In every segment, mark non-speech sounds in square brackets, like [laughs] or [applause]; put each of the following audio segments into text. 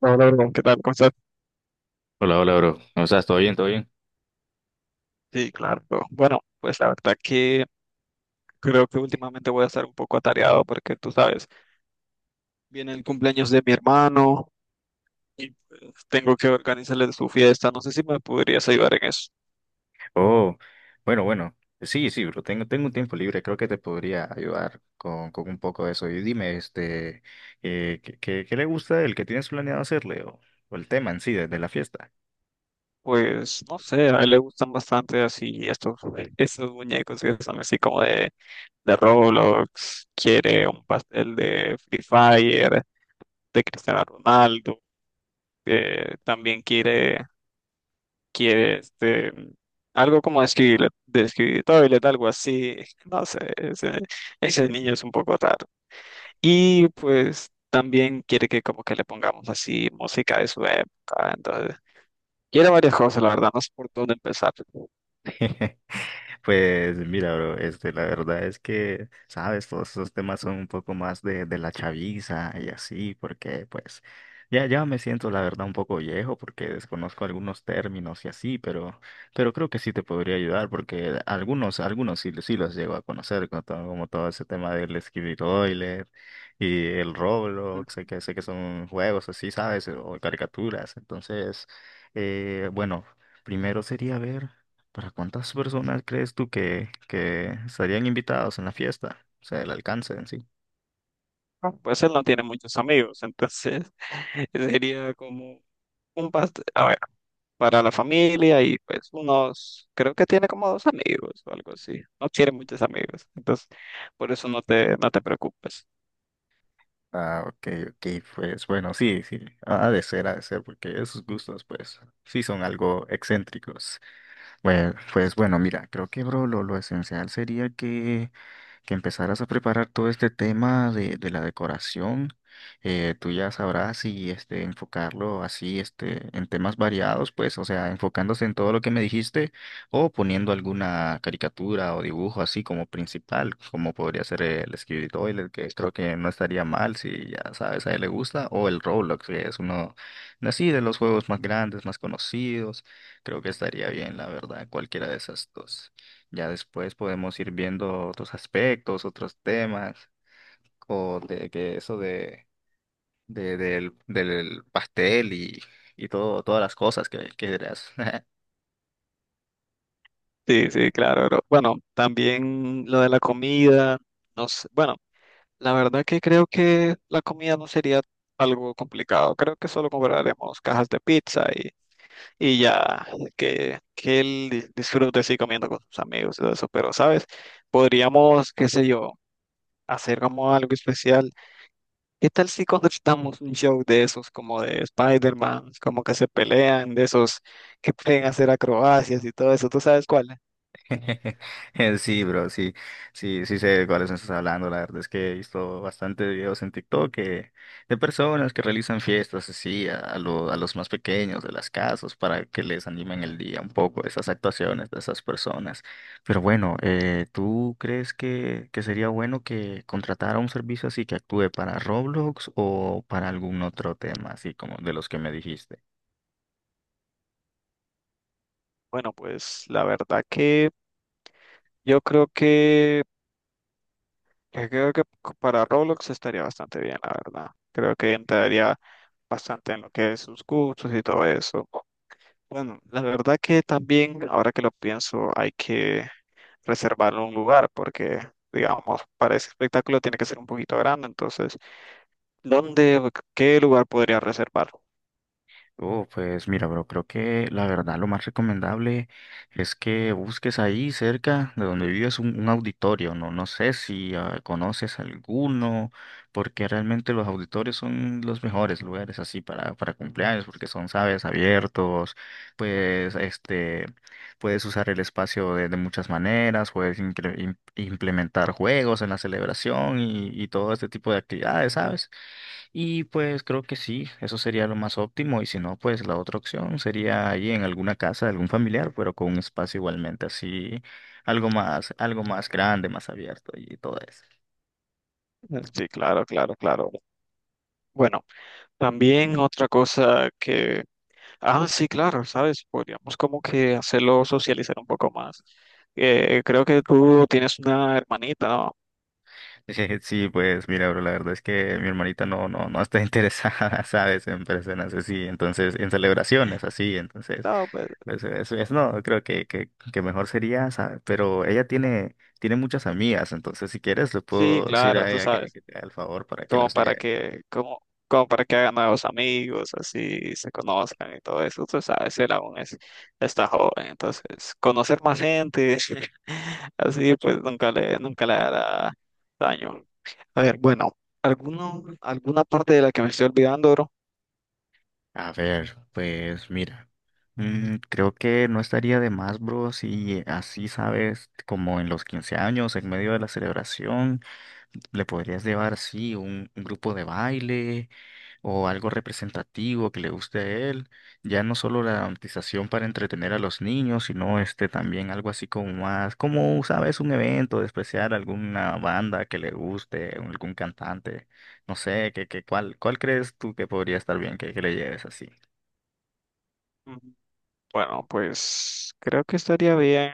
Hola, Bruno, ¿qué tal? ¿Cómo estás? Hola, hola, bro. ¿Cómo estás? ¿Todo bien? ¿Todo bien? Sí, claro. Bueno, pues la verdad que creo que últimamente voy a estar un poco atareado porque tú sabes, viene el cumpleaños de mi hermano y pues, tengo que organizarle su fiesta. No sé si me podrías ayudar en eso. Oh, bueno, bueno. Sí, sí, bro. Tengo un tiempo libre. Creo que te podría ayudar con un poco de eso. Y dime, este, ¿qué le gusta el que tienes planeado hacerle? O el tema en sí de la fiesta. Pues no sé, a él le gustan bastante así estos muñecos que son así como de Roblox. Quiere un pastel de Free Fire, de Cristiano Ronaldo. También quiere algo como escribir, describir toilet, algo así, no sé, ese niño es un poco raro. Y pues también quiere que como que le pongamos así música de su época, entonces quiere varias cosas, la verdad, no sé por dónde empezar. Ujú. [laughs] Pues mira, bro, este, la verdad es que, sabes, todos esos temas son un poco más de la chaviza y así, porque pues ya me siento la verdad un poco viejo porque desconozco algunos términos y así, pero creo que sí te podría ayudar porque algunos sí, sí los llego a conocer, como todo ese tema del Skibidi y el Roblox, sé que son juegos así, sabes, o caricaturas, entonces, bueno, primero sería ver. ¿Para cuántas personas crees tú que estarían invitados en la fiesta? O sea, el alcance en sí. Pues él no tiene muchos amigos, entonces [laughs] sería como un pastel, a ver, para la familia y pues unos, creo que tiene como dos amigos o algo así, no tiene muchos amigos, entonces por eso no te preocupes. Ah, ok, ok, pues bueno, sí, sí, ha de ser, porque esos gustos, pues, sí son algo excéntricos. Bueno, pues bueno, mira, creo que, bro, lo esencial sería que empezaras a preparar todo este tema de la decoración. Tú ya sabrás si este, enfocarlo así este, en temas variados, pues, o sea, enfocándose en todo lo que me dijiste o poniendo alguna caricatura o dibujo así como principal, como podría ser el Skibidi Toilet, que creo que no estaría mal si ya sabes, a él le gusta, o el Roblox, que es uno así de los juegos más grandes, más conocidos. Creo que estaría bien, la verdad, cualquiera de esas dos. Ya después podemos ir viendo otros aspectos, otros temas, o de que eso del pastel y todas las cosas que dirás. [laughs] Sí, sí, claro, bro. Bueno, también lo de la comida, no sé. Bueno, la verdad que creo que la comida no sería algo complicado. Creo que solo compraremos cajas de pizza y ya que él disfrute así comiendo con sus amigos y todo eso. Pero, ¿sabes? Podríamos, qué sé yo, hacer como algo especial. ¿Qué tal si contratamos un show de esos como de Spider-Man, como que se pelean, de esos que pueden hacer acrobacias y todo eso? ¿Tú sabes cuál? [laughs] Sí, bro, sí, sí, sí sé de cuáles estás hablando. La verdad es que he visto bastantes videos en TikTok de personas que realizan fiestas así a los más pequeños de las casas para que les animen el día un poco, esas actuaciones de esas personas. Pero bueno, ¿tú crees que sería bueno que contratara un servicio así que actúe para Roblox o para algún otro tema, así como de los que me dijiste? Bueno, pues la verdad que yo creo que, yo creo que para Roblox estaría bastante bien, la verdad. Creo que entraría bastante en lo que es sus gustos y todo eso. Bueno, la verdad que también, ahora que lo pienso, hay que reservar un lugar porque, digamos, para ese espectáculo tiene que ser un poquito grande. Entonces, ¿dónde, o qué lugar podría reservar? Oh, pues mira, bro, creo que la verdad lo más recomendable es que busques ahí cerca de donde vives un auditorio, ¿no? No sé si conoces alguno, porque realmente los auditorios son los mejores lugares así para cumpleaños, porque son, sabes, abiertos, pues, este, puedes usar el espacio de muchas maneras, puedes implementar juegos en la celebración y todo este tipo de actividades, ¿sabes? Y pues creo que sí, eso sería lo más óptimo. Y si no, pues la otra opción sería ahí en alguna casa de algún familiar, pero con un espacio igualmente así, algo más grande, más abierto y todo eso. Sí, claro, claro, claro. Bueno, también otra cosa que. Ah, sí, claro, sabes, podríamos como que hacerlo socializar un poco más. Creo que tú tienes una hermanita, ¿no? [laughs] Sí, pues mira, bro, la verdad es que mi hermanita no, no, no está interesada, [laughs] ¿sabes? En personas así, entonces, en celebraciones así, entonces. No, pues Pues eso es, no, creo que mejor sería, ¿sabes? Pero ella tiene muchas amigas, entonces si quieres le sí, puedo decir claro, a tú ella que, sabes, que te haga el favor para que como las para lleve. que, como para que hagan nuevos amigos, así se conozcan y todo eso, tú sabes, está joven, entonces conocer más gente, [laughs] así pues nunca le hará daño. A ver, bueno, ¿alguna parte de la que me estoy olvidando, A ver, pues mira, creo que no estaría de más, bro, si así, sabes, como en los 15 años, en medio de la celebración, le podrías llevar, sí, un grupo de baile o algo representativo que le guste a él. Ya no solo la dramatización para entretener a los niños, sino este también algo así como más, como, sabes, un evento de especial, alguna banda que le guste, algún cantante, no sé, ¿cuál crees tú que podría estar bien que le lleves así? bro? Bueno, pues creo que estaría bien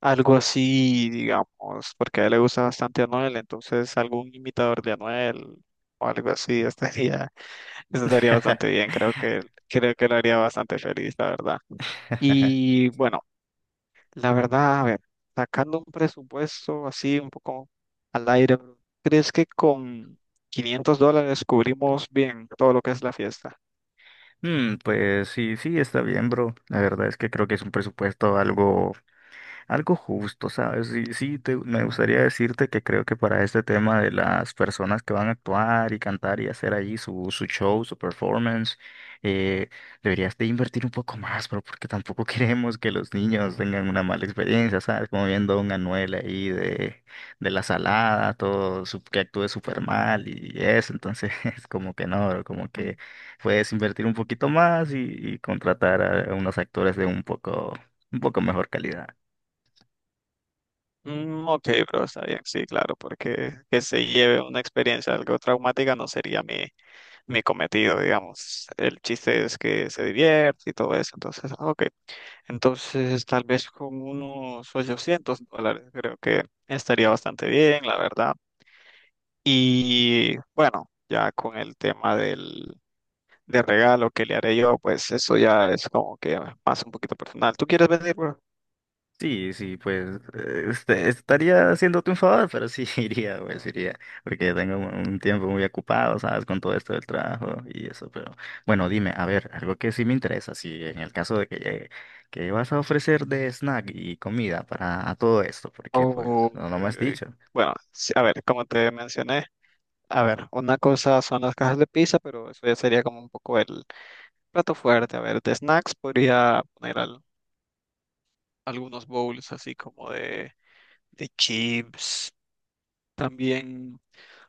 algo así, digamos, porque a él le gusta bastante Anuel, entonces algún imitador de Anuel o algo así [laughs] estaría bastante [laughs] bien, creo que lo haría bastante feliz, la verdad. Y bueno, la verdad, a ver, sacando un presupuesto así un poco al aire, ¿crees que con $500 cubrimos bien todo lo que es la fiesta? Pues sí, sí, está bien, bro. La verdad es que creo que es un presupuesto algo justo, ¿sabes? Sí, sí, me gustaría decirte que creo que para este tema de las personas que van a actuar y cantar y hacer allí su show, su performance, eh, deberías de invertir un poco más, pero porque tampoco [laughs] queremos que los niños tengan una mala experiencia, ¿sabes? Como viendo a un Anuel ahí de la salada, todo que actúe súper mal y eso, entonces [laughs] es como que no, como que puedes invertir un poquito más y contratar a unos actores de un poco mejor calidad. Ok, bro, está bien, sí, claro, porque que se lleve una experiencia algo traumática no sería mi cometido, digamos. El chiste es que se divierte y todo eso, entonces, ok. Entonces, tal vez con unos $800 creo que estaría bastante bien, la verdad. Y bueno, ya con el tema del regalo que le haré yo, pues eso ya es como que más un poquito personal. ¿Tú quieres venir, bro? Sí, sí, pues este, estaría haciéndote un favor, pero sí [laughs] iría, pues iría, porque tengo un tiempo muy ocupado, ¿sabes? Con todo esto del trabajo y eso, pero bueno, dime, a ver, algo que sí me interesa, si en el caso de que llegue, ¿qué vas a ofrecer de snack y comida para todo esto? Porque pues Oh, no, uy, no me has uy, uy. dicho. Bueno, sí, a ver, como te mencioné. A ver, una cosa son las cajas de pizza, pero eso ya sería como un poco el plato fuerte. A ver, de snacks podría poner algunos bowls así como de chips. También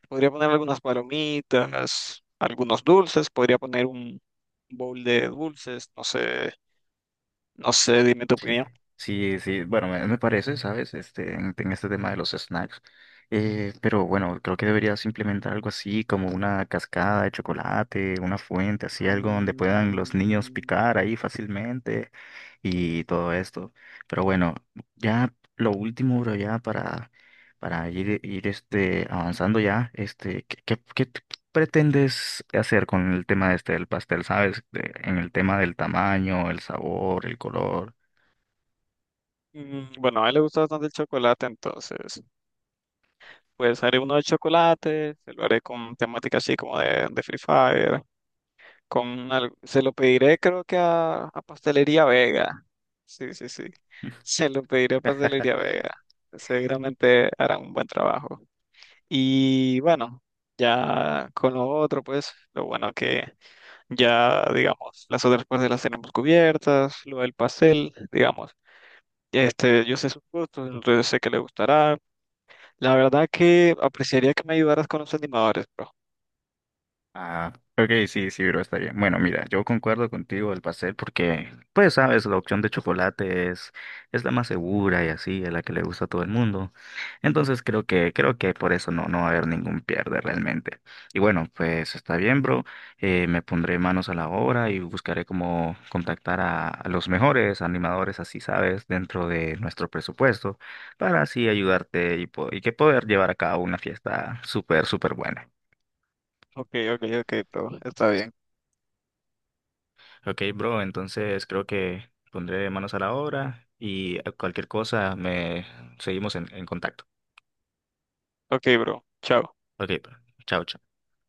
podría poner algunas palomitas, algunos dulces. Podría poner un bowl de dulces. No sé, dime tu Sí, opinión. sí, sí, bueno, me parece, ¿sabes? Este, en, este tema de los snacks. Pero bueno, creo que deberías implementar algo así como una cascada de chocolate, una fuente, así algo donde puedan los niños Mm, picar ahí fácilmente y todo esto. Pero bueno, ya lo último, bro, ya para, ir este, avanzando ya, este, ¿qué pretendes hacer con el tema este del pastel, ¿sabes? En el tema del tamaño, el sabor, el color. Bueno, a él le gusta bastante el chocolate, entonces, pues haré uno de chocolate, se lo haré con temática así como de Free Fire. Con se lo pediré creo que a Pastelería Vega. Sí, sí, sí. [laughs] Se lo pediré a Pastelería Vega. Seguramente harán un buen trabajo. Y bueno, ya con lo otro, pues, lo bueno que ya, digamos, las otras partes las tenemos cubiertas, lo del pastel, digamos. Este, yo sé sus gustos, entonces sé que le gustará. La verdad que apreciaría que me ayudaras con los animadores, bro. Ah, ok, sí, sí, bro, está bien. Bueno, mira, yo concuerdo contigo el pastel porque, pues, sabes, la opción de chocolate es la más segura y así, es la que le gusta a todo el mundo. Entonces creo que por eso no va a haber ningún pierde realmente. Y bueno, pues está bien, bro. Me pondré manos a la obra y buscaré cómo contactar a los mejores animadores, así sabes, dentro de nuestro presupuesto, para así ayudarte y que poder llevar a cabo una fiesta súper, súper buena. Ok, ok, ok, bro. Está bien. Ok, bro, entonces creo que pondré manos a la obra y cualquier cosa me seguimos en, contacto. Ok, bro. Chao. Ok, bro. Chao, chao.